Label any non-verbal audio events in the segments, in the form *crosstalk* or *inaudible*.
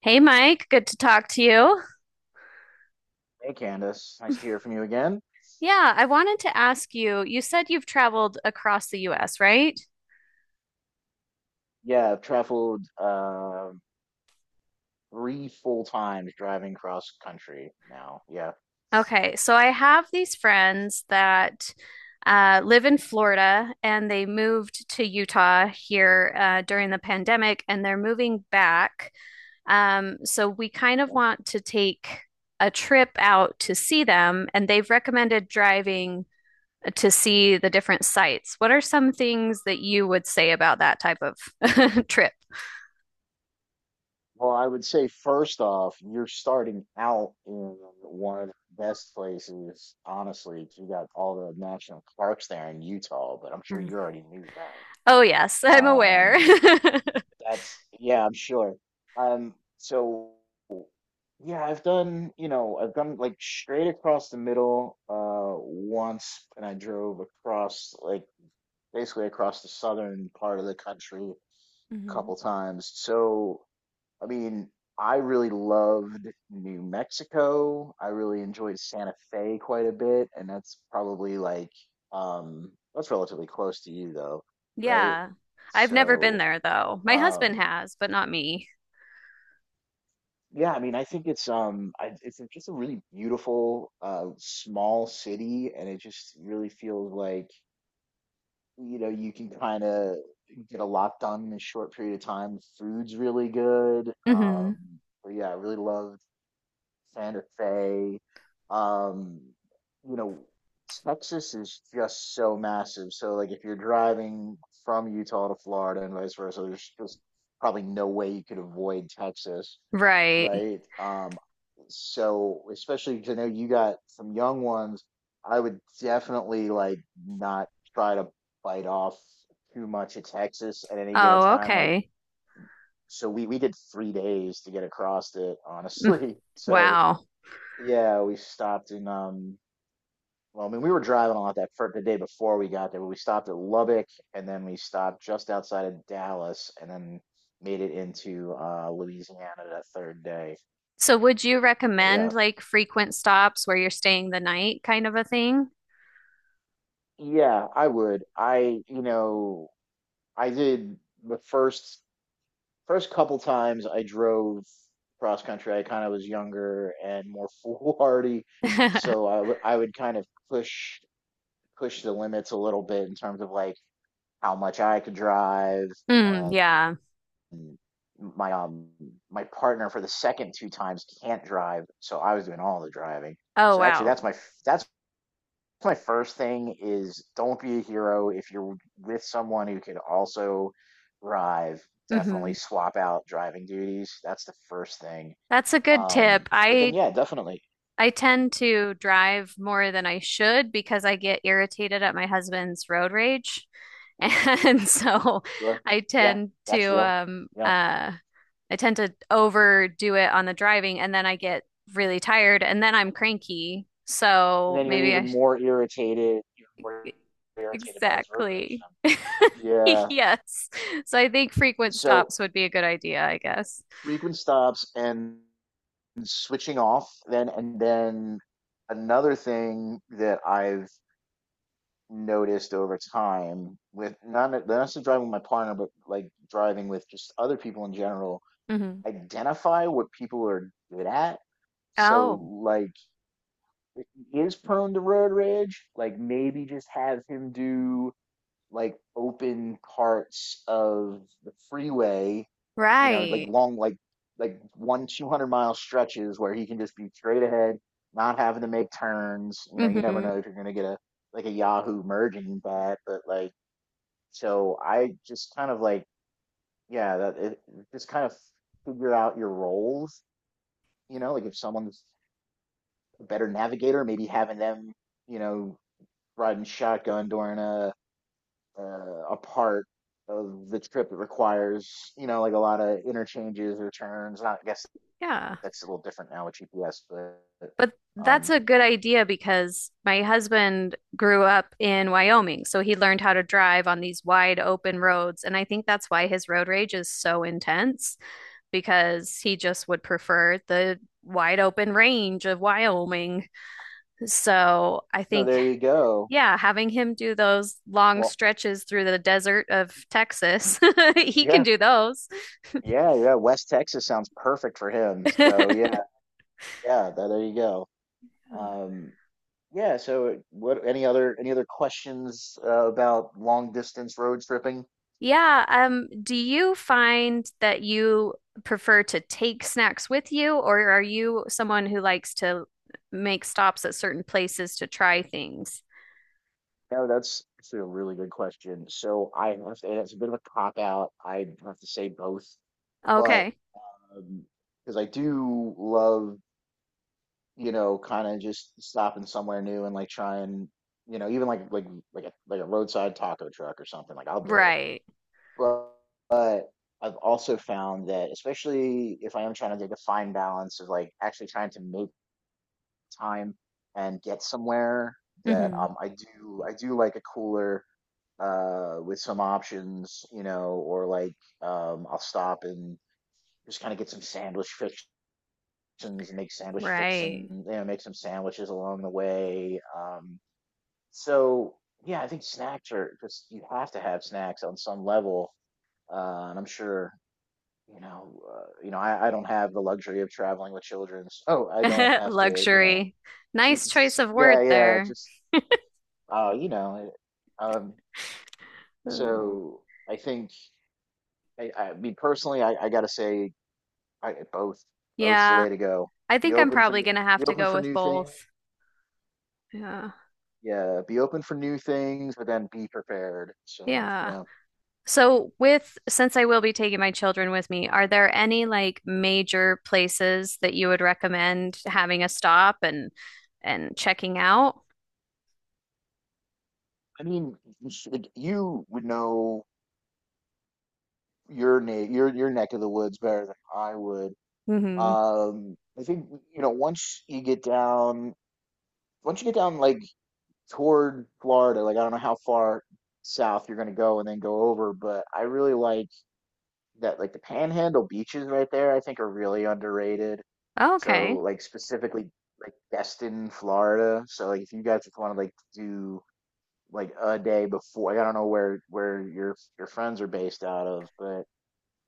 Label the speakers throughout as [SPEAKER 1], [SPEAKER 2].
[SPEAKER 1] Hey Mike, good to talk to you.
[SPEAKER 2] Hey, Candace. Nice to
[SPEAKER 1] *laughs*
[SPEAKER 2] hear from you again.
[SPEAKER 1] Yeah, I wanted to ask you, you said you've traveled across the US, right?
[SPEAKER 2] Yeah, I've traveled three full times driving cross country now. Yeah.
[SPEAKER 1] Okay, so I have these friends that live in Florida and they moved to Utah here during the pandemic and they're moving back. So we kind of
[SPEAKER 2] Okay.
[SPEAKER 1] want to take a trip out to see them and they've recommended driving to see the different sites. What are some things that you would say about that type of *laughs* trip?
[SPEAKER 2] Well, I would say first off, you're starting out in one of the best places, honestly. 'Cause you got all the national parks there in Utah, but I'm sure
[SPEAKER 1] Mm.
[SPEAKER 2] you already knew that.
[SPEAKER 1] Oh, yes, I'm aware.
[SPEAKER 2] Um,
[SPEAKER 1] *laughs*
[SPEAKER 2] that's yeah, I'm sure. Um, so. Yeah, I've done, you know, I've done like straight across the middle once, and I drove across like basically across the southern part of the country a
[SPEAKER 1] Hmm.
[SPEAKER 2] couple times. So, I mean, I really loved New Mexico. I really enjoyed Santa Fe quite a bit, and that's probably like that's relatively close to you though, right?
[SPEAKER 1] Yeah. I've never been
[SPEAKER 2] So,
[SPEAKER 1] there though. My husband
[SPEAKER 2] um
[SPEAKER 1] has, but not me.
[SPEAKER 2] yeah, I mean, I think it's it's just a really beautiful, small city, and it just really feels like, you know, you can kind of get a lot done in a short period of time. Food's really good.
[SPEAKER 1] Hmm.
[SPEAKER 2] But yeah, I really loved Santa Fe. Um, you know, Texas is just so massive. So like if you're driving from Utah to Florida and vice versa, there's just probably no way you could avoid Texas,
[SPEAKER 1] Right.
[SPEAKER 2] right? So especially 'cause I know you got some young ones, I would definitely like not try to bite off too much of Texas at any given
[SPEAKER 1] Oh,
[SPEAKER 2] time. Like
[SPEAKER 1] okay.
[SPEAKER 2] so we did 3 days to get across it,
[SPEAKER 1] Mm.
[SPEAKER 2] honestly. *laughs* So
[SPEAKER 1] Wow.
[SPEAKER 2] yeah, we stopped in well, I mean we were driving a lot that for the day before we got there, but we stopped at Lubbock and then we stopped just outside of Dallas and then made it into Louisiana that third day.
[SPEAKER 1] So would you
[SPEAKER 2] But
[SPEAKER 1] recommend
[SPEAKER 2] yeah.
[SPEAKER 1] like frequent stops where you're staying the night kind of a thing?
[SPEAKER 2] Yeah, I would. I did the first couple times I drove cross country. I kind of was younger and more *laughs* foolhardy, so
[SPEAKER 1] *laughs*
[SPEAKER 2] I would kind of push the limits a little bit in terms of like how much I could drive.
[SPEAKER 1] Mm,
[SPEAKER 2] And
[SPEAKER 1] yeah.
[SPEAKER 2] my my partner for the second two times can't drive, so I was doing all the driving.
[SPEAKER 1] Oh,
[SPEAKER 2] So actually,
[SPEAKER 1] wow.
[SPEAKER 2] that's my first thing is don't be a hero if you're with someone who could also drive.
[SPEAKER 1] Hmm.
[SPEAKER 2] Definitely swap out driving duties. That's the first thing.
[SPEAKER 1] That's a good tip.
[SPEAKER 2] But then yeah, definitely
[SPEAKER 1] I tend to drive more than I should because I get irritated at my husband's road rage. *laughs* And so
[SPEAKER 2] sure.
[SPEAKER 1] I
[SPEAKER 2] Yeah,
[SPEAKER 1] tend to
[SPEAKER 2] that's real.
[SPEAKER 1] um
[SPEAKER 2] You know,
[SPEAKER 1] uh I tend to overdo it on the driving and then I get really tired and then I'm cranky.
[SPEAKER 2] and
[SPEAKER 1] So
[SPEAKER 2] then you're
[SPEAKER 1] maybe I sh-
[SPEAKER 2] even more
[SPEAKER 1] e-,
[SPEAKER 2] irritated by his road rage.
[SPEAKER 1] exactly. *laughs*
[SPEAKER 2] Then yeah,
[SPEAKER 1] Yes. So I think frequent
[SPEAKER 2] so
[SPEAKER 1] stops would be a good idea, I guess.
[SPEAKER 2] frequent stops and switching off then, and then another thing that I've noticed over time with not necessarily driving with my partner, but like driving with just other people in general,
[SPEAKER 1] Hmm.
[SPEAKER 2] identify what people are good at.
[SPEAKER 1] Oh,
[SPEAKER 2] So like if he is prone to road rage, like maybe just have him do like open parts of the freeway, you know, like
[SPEAKER 1] right.
[SPEAKER 2] long, like one 200-mile stretches where he can just be straight ahead, not having to make turns. You know, you never
[SPEAKER 1] Hmm.
[SPEAKER 2] know if you're gonna get a like a Yahoo merging bat, but like so I just kind of like yeah, just kind of figure out your roles. You know, like if someone's a better navigator, maybe having them, you know, riding shotgun during a part of the trip that requires, you know, like a lot of interchanges or turns. I guess
[SPEAKER 1] Yeah.
[SPEAKER 2] that's a little different now with GPS, but
[SPEAKER 1] But that's
[SPEAKER 2] um,
[SPEAKER 1] a good idea because my husband grew up in Wyoming, so he learned how to drive on these wide open roads. And I think that's why his road rage is so intense because he just would prefer the wide open range of Wyoming. So I
[SPEAKER 2] so
[SPEAKER 1] think,
[SPEAKER 2] there you go.
[SPEAKER 1] yeah, having him do those long
[SPEAKER 2] Well,
[SPEAKER 1] stretches through the desert of Texas, *laughs* he can
[SPEAKER 2] yeah,
[SPEAKER 1] do those.
[SPEAKER 2] yeah. West Texas sounds perfect for him. So
[SPEAKER 1] *laughs*
[SPEAKER 2] yeah, yeah. There you go. Um, yeah. So what? Any other questions about long distance road tripping?
[SPEAKER 1] Yeah, do you find that you prefer to take snacks with you, or are you someone who likes to make stops at certain places to try things?
[SPEAKER 2] No, that's actually a really good question. So I have to, and it's a bit of a cop out. I have to say both, but
[SPEAKER 1] Okay.
[SPEAKER 2] because I do love, you know, kind of just stopping somewhere new and like trying, you know, even like like a roadside taco truck or something. Like I'll do it.
[SPEAKER 1] Right.
[SPEAKER 2] But but I've also found that especially if I am trying to take a fine balance of like actually trying to make time and get somewhere that
[SPEAKER 1] Hmm.
[SPEAKER 2] I do like a cooler with some options, you know, or like I'll stop and just kind of get some sandwich and make sandwich
[SPEAKER 1] Right.
[SPEAKER 2] fixin', you know, make some sandwiches along the way. So yeah, I think snacks are just you have to have snacks on some level. And I'm sure you know, I don't have the luxury of traveling with children. Oh, I don't
[SPEAKER 1] *laughs*
[SPEAKER 2] have to, you know,
[SPEAKER 1] Luxury. Nice choice
[SPEAKER 2] it's-
[SPEAKER 1] of
[SPEAKER 2] yeah,
[SPEAKER 1] word
[SPEAKER 2] yeah,
[SPEAKER 1] there.
[SPEAKER 2] just uh, you know, uh, um,
[SPEAKER 1] Oh.
[SPEAKER 2] so I think I mean personally, I gotta say, I both both's the
[SPEAKER 1] Yeah,
[SPEAKER 2] way to go.
[SPEAKER 1] I
[SPEAKER 2] Be
[SPEAKER 1] think I'm
[SPEAKER 2] open for
[SPEAKER 1] probably gonna have
[SPEAKER 2] be
[SPEAKER 1] to
[SPEAKER 2] open
[SPEAKER 1] go
[SPEAKER 2] for
[SPEAKER 1] with
[SPEAKER 2] new things.
[SPEAKER 1] both. Yeah.
[SPEAKER 2] Yeah, be open for new things, but then be prepared. So,
[SPEAKER 1] Yeah.
[SPEAKER 2] yeah.
[SPEAKER 1] So with since I will be taking my children with me, are there any like major places that you would recommend having a stop and checking out?
[SPEAKER 2] I mean, you would know your na your neck of the woods better than I would.
[SPEAKER 1] Mm-hmm.
[SPEAKER 2] I think you know once you get down like toward Florida, like I don't know how far south you're gonna go and then go over, but I really like that like the Panhandle beaches right there, I think are really underrated. So
[SPEAKER 1] Okay.
[SPEAKER 2] like specifically like Destin, Florida. So like if you guys just want to like do like a day before. Like, I don't know where your friends are based out of, but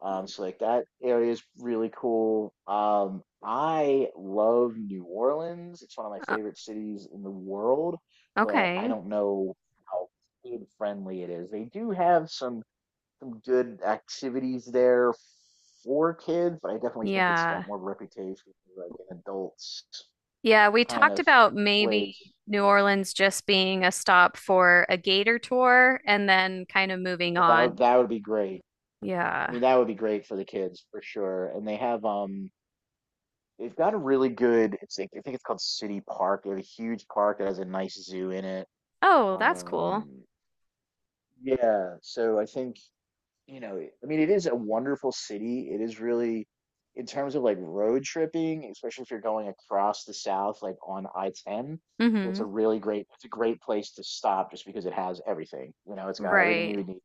[SPEAKER 2] so like that area is really cool. I love New Orleans. It's one of my
[SPEAKER 1] Uh,
[SPEAKER 2] favorite cities in the world, but I
[SPEAKER 1] okay.
[SPEAKER 2] don't know how kid friendly it is. They do have some good activities there for kids, but I definitely think it's
[SPEAKER 1] Yeah.
[SPEAKER 2] got more of a reputation for like an adults
[SPEAKER 1] Yeah, we
[SPEAKER 2] kind
[SPEAKER 1] talked
[SPEAKER 2] of
[SPEAKER 1] about maybe
[SPEAKER 2] place.
[SPEAKER 1] New Orleans just being a stop for a gator tour and then kind of moving on.
[SPEAKER 2] That would be great. I
[SPEAKER 1] Yeah.
[SPEAKER 2] mean, that would be great for the kids for sure. And they have they've got a really good it's like- I think it's called City Park. They have a huge park that has a nice zoo in it.
[SPEAKER 1] Oh, that's cool.
[SPEAKER 2] Um yeah, so I think, you know, I mean it is a wonderful city. It is really In terms of like road tripping, especially if you're going across the south like on I-10, it's
[SPEAKER 1] Mm-hmm.
[SPEAKER 2] a really great it's a great place to stop just because it has everything. You know, it's got everything you
[SPEAKER 1] Right.
[SPEAKER 2] would need,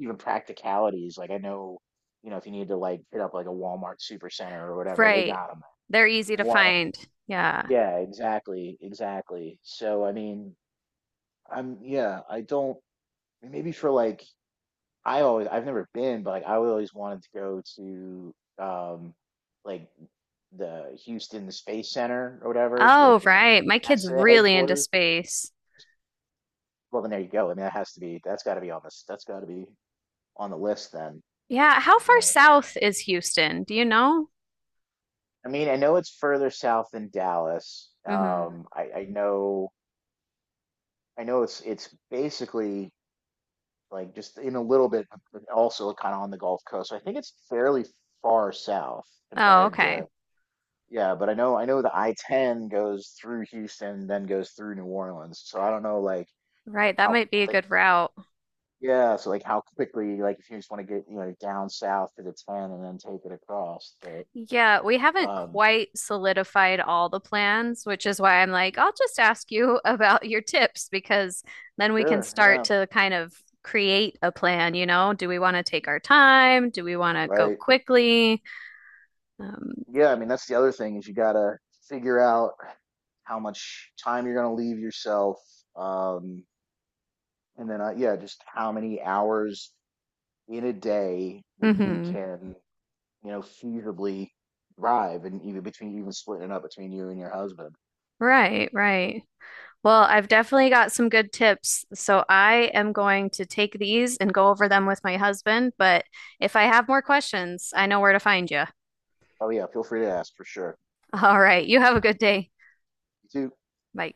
[SPEAKER 2] even practicalities. Like I know, you know, if you need to like hit up like a Walmart Supercenter or whatever, they
[SPEAKER 1] Right.
[SPEAKER 2] got them.
[SPEAKER 1] They're easy
[SPEAKER 2] We
[SPEAKER 1] to
[SPEAKER 2] want.
[SPEAKER 1] find. Yeah.
[SPEAKER 2] Yeah, exactly, exactly. So I mean, I'm yeah, I don't maybe for like I've never been, but like I always wanted to go to like the Houston Space Center or whatever, like
[SPEAKER 1] Oh,
[SPEAKER 2] the
[SPEAKER 1] right. My kid's
[SPEAKER 2] NASA
[SPEAKER 1] really into
[SPEAKER 2] headquarters.
[SPEAKER 1] space.
[SPEAKER 2] Well, then there you go. I mean, that's got to be on the list then.
[SPEAKER 1] Yeah. How
[SPEAKER 2] If you're
[SPEAKER 1] far
[SPEAKER 2] gonna.
[SPEAKER 1] south is Houston? Do you know?
[SPEAKER 2] I mean, I know it's further south than Dallas.
[SPEAKER 1] Mm-hmm.
[SPEAKER 2] I know it's basically like just in a little bit, but also kind of on the Gulf Coast. So I think it's fairly far south
[SPEAKER 1] Oh,
[SPEAKER 2] compared
[SPEAKER 1] okay.
[SPEAKER 2] to, yeah. But I know the I-10 goes through Houston, then goes through New Orleans. So I don't know, like
[SPEAKER 1] Right. That
[SPEAKER 2] how
[SPEAKER 1] might be a
[SPEAKER 2] quick,
[SPEAKER 1] good route.
[SPEAKER 2] yeah. So like how quickly, like if you just want to get, you know, down south to the 10 and then take it across. But
[SPEAKER 1] Yeah. We haven't
[SPEAKER 2] um,
[SPEAKER 1] quite solidified all the plans, which is why I'm like, I'll just ask you *laughs* about your tips because then we can
[SPEAKER 2] sure,
[SPEAKER 1] start
[SPEAKER 2] yeah,
[SPEAKER 1] to kind of create a plan. You know, do we want to take our time? Do we want to go
[SPEAKER 2] right.
[SPEAKER 1] quickly? Um,
[SPEAKER 2] Yeah, I mean that's the other thing is you gotta figure out how much time you're gonna leave yourself, um, and then yeah, just how many hours in a day that you
[SPEAKER 1] mhm.
[SPEAKER 2] can, you know, feasibly drive, and even between even splitting it up between you and your husband.
[SPEAKER 1] Right. Right. Well, I've definitely got some good tips. So I am going to take these and go over them with my husband. But if I have more questions, I know where to find you.
[SPEAKER 2] Oh yeah, feel free to ask for sure.
[SPEAKER 1] *laughs* All right. You have a good day.
[SPEAKER 2] You too.
[SPEAKER 1] Bye.